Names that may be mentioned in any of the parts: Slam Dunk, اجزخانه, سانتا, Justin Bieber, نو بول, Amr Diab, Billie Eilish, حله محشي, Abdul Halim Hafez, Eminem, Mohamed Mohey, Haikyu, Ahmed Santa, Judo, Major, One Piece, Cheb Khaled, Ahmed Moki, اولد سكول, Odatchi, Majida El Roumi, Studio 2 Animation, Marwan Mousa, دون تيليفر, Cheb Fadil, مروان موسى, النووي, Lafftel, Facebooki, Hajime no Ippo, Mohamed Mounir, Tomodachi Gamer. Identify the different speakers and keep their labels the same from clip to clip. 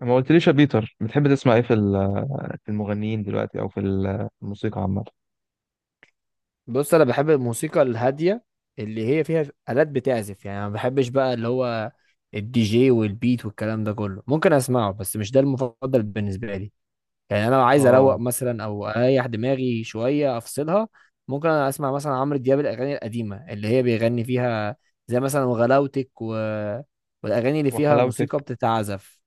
Speaker 1: ما قلتليش يا بيتر، بتحب تسمع ايه في في المغنيين دلوقتي، او في في الموسيقى عامة.
Speaker 2: بص، انا بحب الموسيقى الهاديه اللي هي فيها آلات بتعزف. يعني انا ما بحبش بقى اللي هو الدي جي والبيت والكلام ده كله، ممكن اسمعه بس مش ده المفضل بالنسبه لي. يعني انا لو عايز اروق
Speaker 1: اه.
Speaker 2: مثلا او اريح دماغي شويه افصلها، ممكن أنا اسمع مثلا عمرو دياب الاغاني القديمه اللي هي بيغني فيها، زي مثلا وغلاوتك والاغاني اللي فيها موسيقى
Speaker 1: وحلاوتك.
Speaker 2: بتتعزف.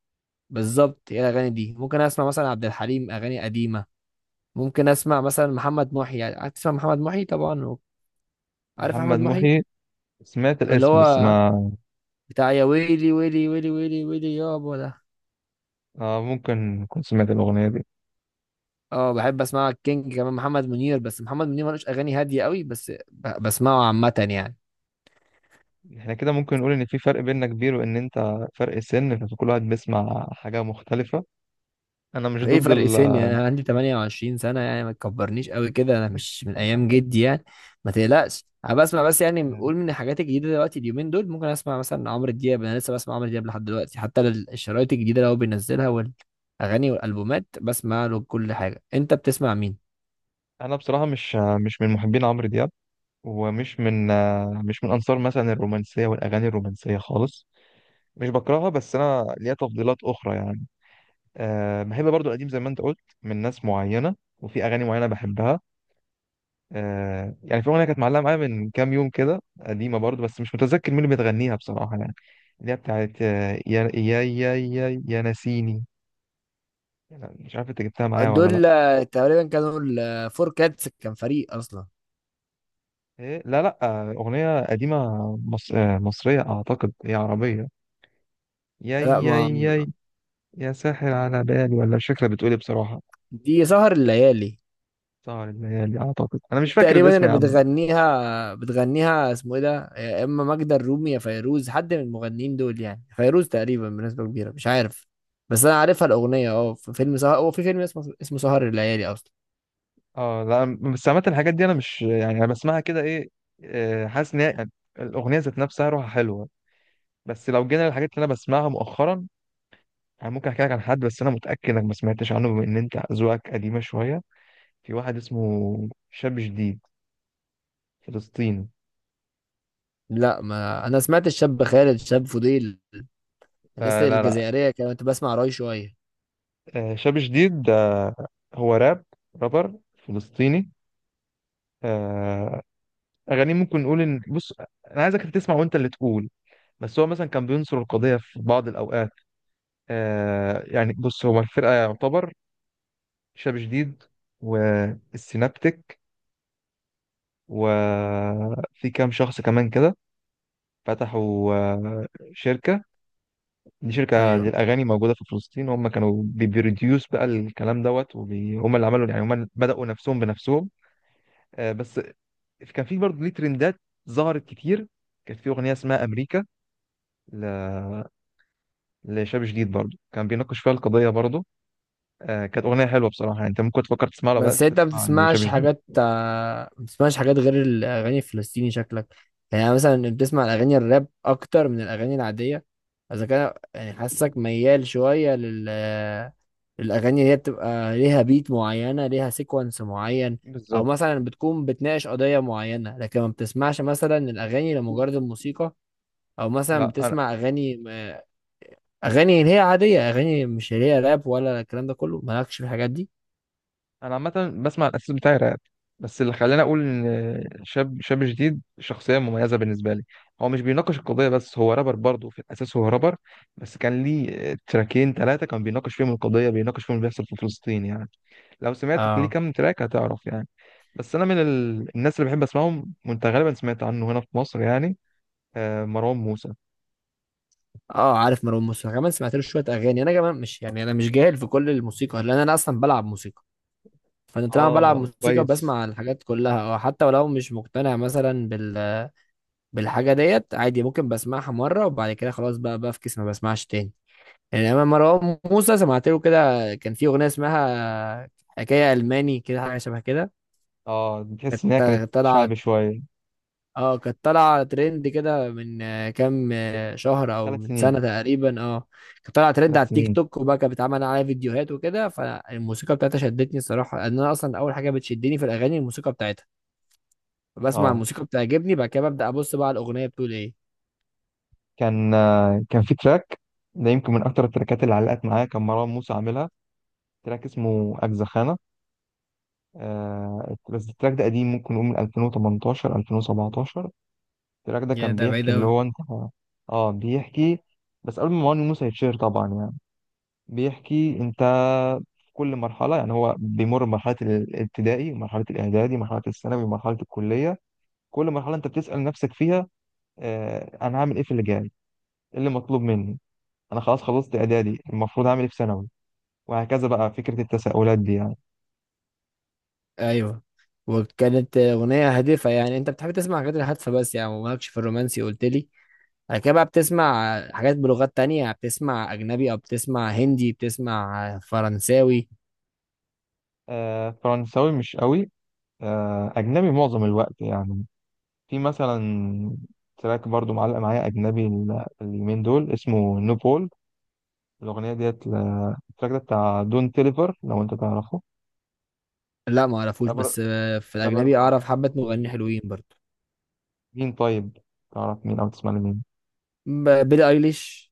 Speaker 2: بالظبط، هي الاغاني دي. ممكن اسمع مثلا عبد الحليم اغاني قديمه، ممكن اسمع مثلا محمد محي، يعني هتسمع محمد محي طبعا، عارف احمد
Speaker 1: محمد
Speaker 2: محي؟
Speaker 1: محي. سمعت
Speaker 2: اللي
Speaker 1: الاسم بس
Speaker 2: هو
Speaker 1: ما.
Speaker 2: بتاع يا ويلي ويلي ويلي ويلي ويلي يابا ده.
Speaker 1: آه، ممكن كنت سمعت الأغنية دي.
Speaker 2: اه بحب اسمع الكينج كمان، محمد منير، بس محمد منير ملوش اغاني هاديه قوي بس بسمعه عامه يعني.
Speaker 1: احنا كده ممكن نقول ان في فرق بيننا كبير، وان انت فرق سن، فكل واحد بيسمع حاجة مختلفة. انا مش
Speaker 2: ايه
Speaker 1: ضد
Speaker 2: فرق
Speaker 1: ال.
Speaker 2: سني، انا عندي 28 سنه يعني، ما تكبرنيش قوي كده، انا مش من ايام جدي يعني. ما تقلقش انا بسمع، بس يعني قول من الحاجات الجديده دلوقتي اليومين دول، ممكن اسمع مثلا عمرو دياب، انا لسه بسمع عمرو دياب لحد دلوقتي، حتى الشرايط الجديده اللي هو بينزلها والاغاني والالبومات، بسمع له كل حاجه. انت بتسمع مين؟
Speaker 1: انا بصراحة مش من محبين عمرو دياب. ومش من مش من انصار مثلا الرومانسية والاغاني الرومانسية خالص. مش بكرهها، بس انا ليا تفضيلات اخرى يعني. أه، بحب برضو القديم زي ما انت قلت، من ناس معينة وفي أغاني معينة بحبها. أه يعني، في أغنية كانت معلقة معايا من كام يوم كده، قديمة برضو، بس مش متذكر مين اللي بتغنيها بصراحة يعني. اللي هي بتاعت يا يا يا يا يا ناسيني. يعني مش عارف، انت جبتها معايا ولا لا؟
Speaker 2: دول تقريبا كانوا الفور كاتس، كان فريق اصلا.
Speaker 1: إيه؟ لا لا. أغنية قديمة. مص... آه، مصرية أعتقد، هي عربية. يا
Speaker 2: لا،
Speaker 1: يا
Speaker 2: ما
Speaker 1: يا يا ساحر على بالي، ولا مش فاكرة، بتقولي بصراحة.
Speaker 2: دي سهر الليالي.
Speaker 1: سهر الليالي أعتقد، أنا مش
Speaker 2: دي
Speaker 1: فاكر
Speaker 2: تقريبا
Speaker 1: الاسم
Speaker 2: اللي
Speaker 1: يا عم.
Speaker 2: بتغنيها اسمه ايه ده، يا اما ماجدة الرومي يا فيروز، حد من المغنيين دول. يعني فيروز تقريبا بنسبة كبيرة، مش عارف. بس انا عارفها الاغنية. اه في فيلم سهر، هو في فيلم اسمه سهر الليالي اصلا.
Speaker 1: اه لا. بس عامة الحاجات دي انا مش يعني، انا بسمعها كده ايه. حاسس ان هي يعني الاغنيه ذات نفسها روحها حلوه. بس لو جينا للحاجات اللي انا بسمعها مؤخرا، يعني ممكن احكي لك عن حد، بس انا متاكد انك ما سمعتش عنه، بما ان انت ذوقك قديمه شويه. في واحد اسمه شاب جديد، فلسطيني.
Speaker 2: لا، ما انا سمعت الشاب خالد الشاب فضيل، الناس
Speaker 1: آه لا لا.
Speaker 2: الجزائرية كانت بسمع راي شوية.
Speaker 1: آه، شاب جديد ده هو رابر فلسطيني. آه. اغانيه ممكن نقول ان، بص، انا عايزك تسمع وانت اللي تقول. بس هو مثلا كان بينصر القضيه في بعض الاوقات. آه يعني، بص، هو الفرقة يعتبر شاب جديد والسينابتك، وفي كام شخص كمان كده فتحوا شركة. دي شركة
Speaker 2: ايوه.
Speaker 1: للأغاني موجودة في فلسطين، هم كانوا بيبروديوس بقى الكلام دوت، وهم اللي عملوا، يعني هم بدأوا نفسهم بنفسهم. آه، بس كان في برضه ليه ترندات ظهرت كتير. كانت في أغنية اسمها أمريكا ل... لشاب جديد برضه، كان بيناقش فيها القضية برضه. آه كانت أغنية حلوة بصراحة يعني، أنت ممكن تفكر تسمعها، بقى
Speaker 2: بس انت ما
Speaker 1: تسمع لشاب
Speaker 2: بتسمعش
Speaker 1: جديد.
Speaker 2: حاجات غير الاغاني الفلسطيني شكلك. يعني أنا مثلا بتسمع الاغاني الراب اكتر من الاغاني العاديه، اذا كان يعني حاسك ميال شويه الاغاني اللي هي بتبقى ليها بيت معينه، ليها سيكونس معين، او
Speaker 1: بالظبط.
Speaker 2: مثلا بتكون بتناقش قضيه معينه، لكن ما بتسمعش مثلا الاغاني لمجرد الموسيقى، او مثلا
Speaker 1: لا انا
Speaker 2: بتسمع اغاني اللي هي عاديه، اغاني مش اللي هي راب ولا الكلام ده كله، مالكش في الحاجات دي.
Speaker 1: انا عامه بسمع الاساس بتاعي راب. بس اللي خلاني اقول ان شاب جديد شخصيه مميزه بالنسبه لي، هو مش بيناقش القضيه بس، هو رابر برضه، في الاساس هو رابر. بس كان ليه تراكين ثلاثه كان بيناقش فيهم القضيه، بيناقش فيهم اللي بيحصل في فلسطين يعني. لو سمعت ليه
Speaker 2: اه.
Speaker 1: كام تراك هتعرف يعني. بس انا من الناس اللي بحب اسمعهم، وانت غالبا سمعت عنه هنا في مصر يعني. آه، مروان موسى.
Speaker 2: اه عارف مروان موسى كمان، سمعت له شويه اغاني. انا كمان مش يعني انا مش جاهل في كل الموسيقى، لان انا اصلا بلعب موسيقى، فانا طالما بلعب
Speaker 1: اه
Speaker 2: موسيقى
Speaker 1: كويس.
Speaker 2: بسمع الحاجات كلها، او حتى ولو مش مقتنع مثلا بالحاجه ديت عادي، ممكن بسمعها مره وبعد كده خلاص بقى بفكس، ما بسمعش تاني. يعني انا مروان موسى سمعت له كده، كان في اغنيه اسمها حكايه الماني كده، حاجه شبه كده.
Speaker 1: اه، بتحس ان هي كانت
Speaker 2: كانت طالعه
Speaker 1: شعبي شويه.
Speaker 2: اه كانت طالعة ترند كده من كام شهر او
Speaker 1: ثلاث
Speaker 2: من
Speaker 1: سنين
Speaker 2: سنة تقريبا، اه. كانت طالعة ترند على
Speaker 1: ثلاث
Speaker 2: التيك
Speaker 1: سنين
Speaker 2: توك، وبقى كانت بتعمل عليها فيديوهات وكده، فالموسيقى بتاعتها شدتني الصراحة، لان انا اصلا اول حاجة بتشدني في الاغاني الموسيقى بتاعتها. بسمع
Speaker 1: اه.
Speaker 2: الموسيقى بتعجبني، بعد كده ببدأ ابص بقى على الاغنية بتقول ايه.
Speaker 1: كان في تراك، ده يمكن من اكتر التراكات اللي علقت معايا، كان مروان موسى عاملها. تراك اسمه اجزخانه. آه بس التراك ده قديم، ممكن نقول من 2018 2017. التراك ده
Speaker 2: يا
Speaker 1: كان
Speaker 2: ده بعيد
Speaker 1: بيحكي اللي
Speaker 2: أوي.
Speaker 1: هو انت. اه بيحكي، بس قبل ما مروان موسى يتشهر طبعا يعني. بيحكي انت، في كل مرحله يعني، هو بيمر بمرحله الابتدائي ومرحله الاعدادي، مرحله الثانوي ومرحله الكليه. كل مرحله انت بتسال نفسك فيها، آه انا هعمل ايه في اللي جاي؟ ايه اللي مطلوب مني؟ انا خلاص خلصت اعدادي، المفروض اعمل ايه في ثانوي؟ وهكذا بقى، فكره التساؤلات دي يعني.
Speaker 2: ايوه. وكانت اغنية هادفة. يعني انت بتحب تسمع حاجات الهادفة بس يعني، ومالكش في الرومانسي قلت لي. بعد كده بقى بتسمع حاجات بلغات تانية؟ بتسمع اجنبي، او بتسمع هندي، بتسمع فرنساوي؟
Speaker 1: آه فرنساوي مش قوي. آه، اجنبي معظم الوقت يعني. في مثلا تراك برضو معلق معايا اجنبي اليومين دول، اسمه نو بول. الاغنيه ديت التراك ده بتاع دون تيليفر، لو انت تعرفه.
Speaker 2: لا ما اعرفوش،
Speaker 1: رابر
Speaker 2: بس في
Speaker 1: رابر
Speaker 2: الاجنبي
Speaker 1: ما.
Speaker 2: اعرف حبة مغنيين حلوين برضو.
Speaker 1: مين طيب؟ تعرف مين، او تسمع لمين؟
Speaker 2: بيلي ايليش.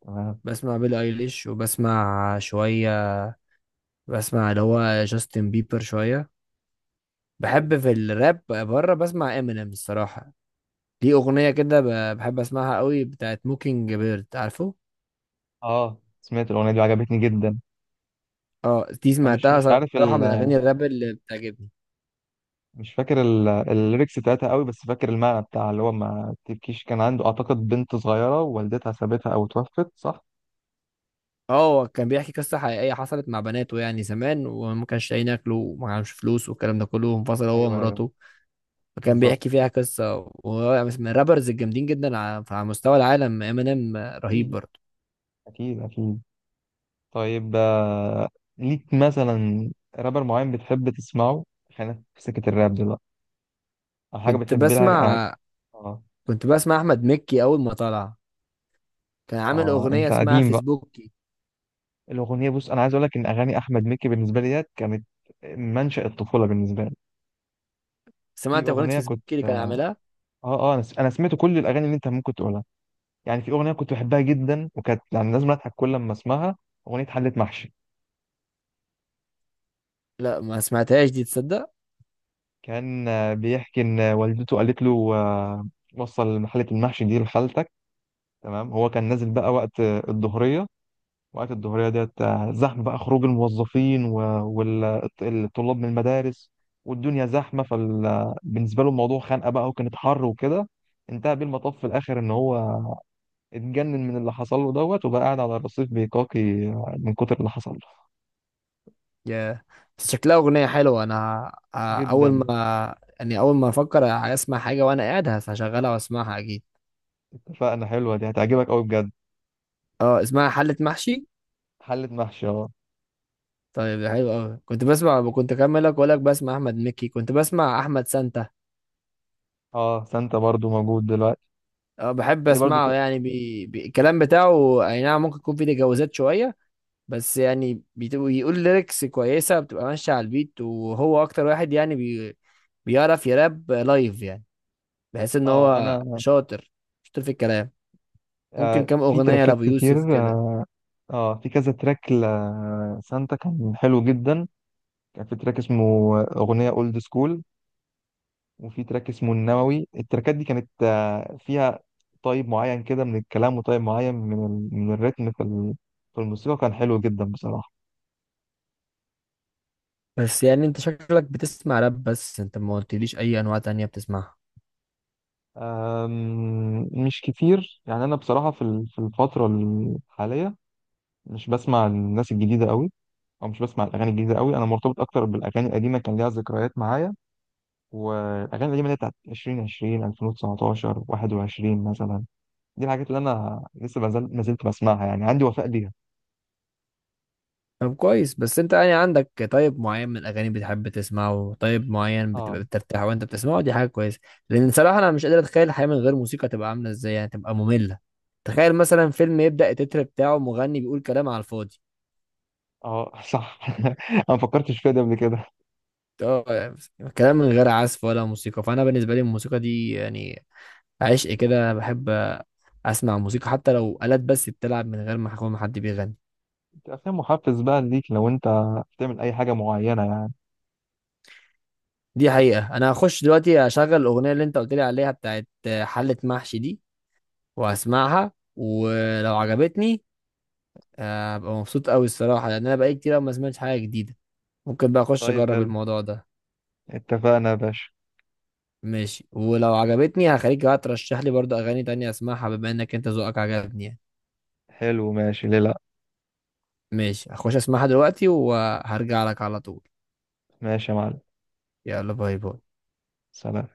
Speaker 1: تمام.
Speaker 2: بسمع بيلي ايليش، وبسمع شوية، بسمع اللي هو جاستن بيبر شوية.
Speaker 1: حلو.
Speaker 2: بحب في الراب بره بسمع امينيم الصراحة. دي أغنية كده بحب أسمعها قوي، بتاعت موكينج بيرد، عارفه؟
Speaker 1: اه، سمعت الاغنيه دي وعجبتني جدا.
Speaker 2: اه دي
Speaker 1: انا مش
Speaker 2: سمعتها.
Speaker 1: مش عارف.
Speaker 2: صراحة من أغاني الراب اللي بتعجبني.
Speaker 1: مش فاكر الليركس بتاعتها قوي، بس فاكر المعنى بتاع اللي هو ما تبكيش. كان عنده اعتقد بنت صغيره والدتها سابتها او توفت، صح؟
Speaker 2: اه. هو كان بيحكي قصة حقيقية حصلت مع بناته يعني زمان، وما كانش لاقيين ياكلوا وما كانش فلوس والكلام ده كله، وانفصل هو
Speaker 1: ايوه ايوه.
Speaker 2: ومراته، فكان
Speaker 1: بالظبط.
Speaker 2: بيحكي فيها قصة. وهو من الرابرز الجامدين جدا على مستوى العالم. امينيم رهيب
Speaker 1: اكيد.
Speaker 2: برضه.
Speaker 1: اكيد اكيد. طيب آه، ليك مثلا رابر معين بتحب تسمعه؟ خلينا في سكه الراب دلوقتي، او حاجه
Speaker 2: كنت
Speaker 1: بتحب لها. اه.
Speaker 2: بسمع
Speaker 1: اه.
Speaker 2: كنت بسمع أحمد مكي أول ما طلع، كان عامل أغنية
Speaker 1: انت
Speaker 2: اسمها
Speaker 1: قديم بقى.
Speaker 2: فيسبوكي.
Speaker 1: الاغنيه، بص انا عايز اقول لك، ان اغاني احمد مكي بالنسبه لي ديت كانت منشأ الطفوله بالنسبه لي. في
Speaker 2: سمعت أغنية
Speaker 1: اغنيه كنت،
Speaker 2: فيسبوكي اللي كان
Speaker 1: اه.
Speaker 2: عاملها؟
Speaker 1: اه، أنا سمعت كل الاغاني اللي انت ممكن تقولها. يعني في اغنيه كنت بحبها جدا، وكانت يعني لازم اضحك كل لما اسمعها. اغنيه حله محشي.
Speaker 2: لا ما سمعتهاش دي، تصدق.
Speaker 1: كان بيحكي ان والدته قالت له، وصل حله المحشي دي لخالتك. تمام، هو كان نازل بقى وقت الظهريه. وقت الظهريه ديت زحمه بقى، خروج الموظفين والطلاب من المدارس، والدنيا زحمه. فبالنسبه له الموضوع خانقه بقى، وكانت حر وكده. انتهى بيه المطاف في الاخر ان هو اتجنن من اللي حصل له دوت، وبقى قاعد على الرصيف بيقاقي من كتر اللي حصل له.
Speaker 2: يا، بس شكلها أغنية حلوة، أنا أول
Speaker 1: جدا.
Speaker 2: ما يعني أول ما أفكر أسمع حاجة وأنا قاعد هشغلها وأسمعها أكيد.
Speaker 1: اتفقنا، حلوة دي هتعجبك قوي بجد.
Speaker 2: أه اسمها حلة محشي.
Speaker 1: حلة محشي، اه.
Speaker 2: طيب ده حلو أوي. كنت أكملك وأقول لك بسمع أحمد مكي، كنت بسمع أحمد سانتا.
Speaker 1: اه، سانتا برضو موجود دلوقتي.
Speaker 2: اه بحب
Speaker 1: كان برضو
Speaker 2: اسمعه، يعني الكلام بتاعه اي نعم ممكن يكون فيه تجاوزات شويه، بس يعني بيقول ليركس كويسه، بتبقى ماشيه على البيت، وهو اكتر واحد يعني بيعرف يراب لايف يعني، بحيث ان
Speaker 1: اه
Speaker 2: هو
Speaker 1: انا.
Speaker 2: شاطر، شاطر في الكلام. ممكن
Speaker 1: آه،
Speaker 2: كام
Speaker 1: في
Speaker 2: اغنيه
Speaker 1: تراكات
Speaker 2: لابو يوسف
Speaker 1: كتير.
Speaker 2: كده.
Speaker 1: اه. في كذا تراك لسانتا كان حلو جدا. كان في تراك اسمه أغنية اولد سكول، وفي تراك اسمه النووي. التراكات دي كانت فيها طيب معين كده من الكلام، وطيب معين من من الريتم في في الموسيقى، كان حلو جدا بصراحة.
Speaker 2: بس يعني انت شكلك بتسمع راب بس، انت ما قلتليش اي انواع تانية بتسمعها.
Speaker 1: مش كتير يعني، أنا بصراحة في في الفترة الحالية مش بسمع الناس الجديدة قوي، أو مش بسمع الأغاني الجديدة قوي. أنا مرتبط أكتر بالأغاني القديمة، كان ليها ذكريات معايا. والأغاني القديمة اللي هي بتاعت 2020 2019 21 مثلا، دي الحاجات اللي أنا لسه ما زلت بسمعها، يعني عندي وفاء ليها.
Speaker 2: طب كويس. بس انت يعني عندك طيب معين من الاغاني بتحب تسمعه، طيب معين
Speaker 1: اه.
Speaker 2: بتبقى بترتاح وانت بتسمعه، دي حاجه كويسه. لان صراحه انا مش قادر اتخيل الحياه من غير موسيقى تبقى عامله ازاي، يعني تبقى ممله. تخيل مثلا فيلم يبدا التتر بتاعه مغني بيقول كلام على الفاضي.
Speaker 1: اه. صح. أنا ما فكرتش فيها دي قبل كده.
Speaker 2: اه يعني كلام من غير عزف ولا موسيقى، فانا بالنسبه لي الموسيقى دي يعني عشق كده. انا بحب اسمع موسيقى حتى لو آلات بس بتلعب من غير ما يكون حد بيغني.
Speaker 1: أفلام محفز بقى ليك، لو أنت بتعمل أي حاجة معينة يعني؟
Speaker 2: دي حقيقه، انا هخش دلوقتي اشغل الاغنيه اللي انت قلت لي عليها بتاعت حله محشي دي وهسمعها، ولو عجبتني هبقى مبسوط قوي الصراحة، لأن أنا بقالي كتير أوي ما سمعتش حاجة جديدة، ممكن بقى أخش
Speaker 1: طيب
Speaker 2: أجرب
Speaker 1: حلو.
Speaker 2: الموضوع ده.
Speaker 1: اتفقنا يا باشا.
Speaker 2: ماشي، ولو عجبتني هخليك بقى ترشح لي برضه أغاني تانية أسمعها بما إنك أنت ذوقك عجبني يعني.
Speaker 1: حلو، ماشي، ليه لأ.
Speaker 2: ماشي، هخش أسمعها دلوقتي وهرجع لك على طول.
Speaker 1: ماشي يا معلم.
Speaker 2: يلا، باي باي.
Speaker 1: سلام.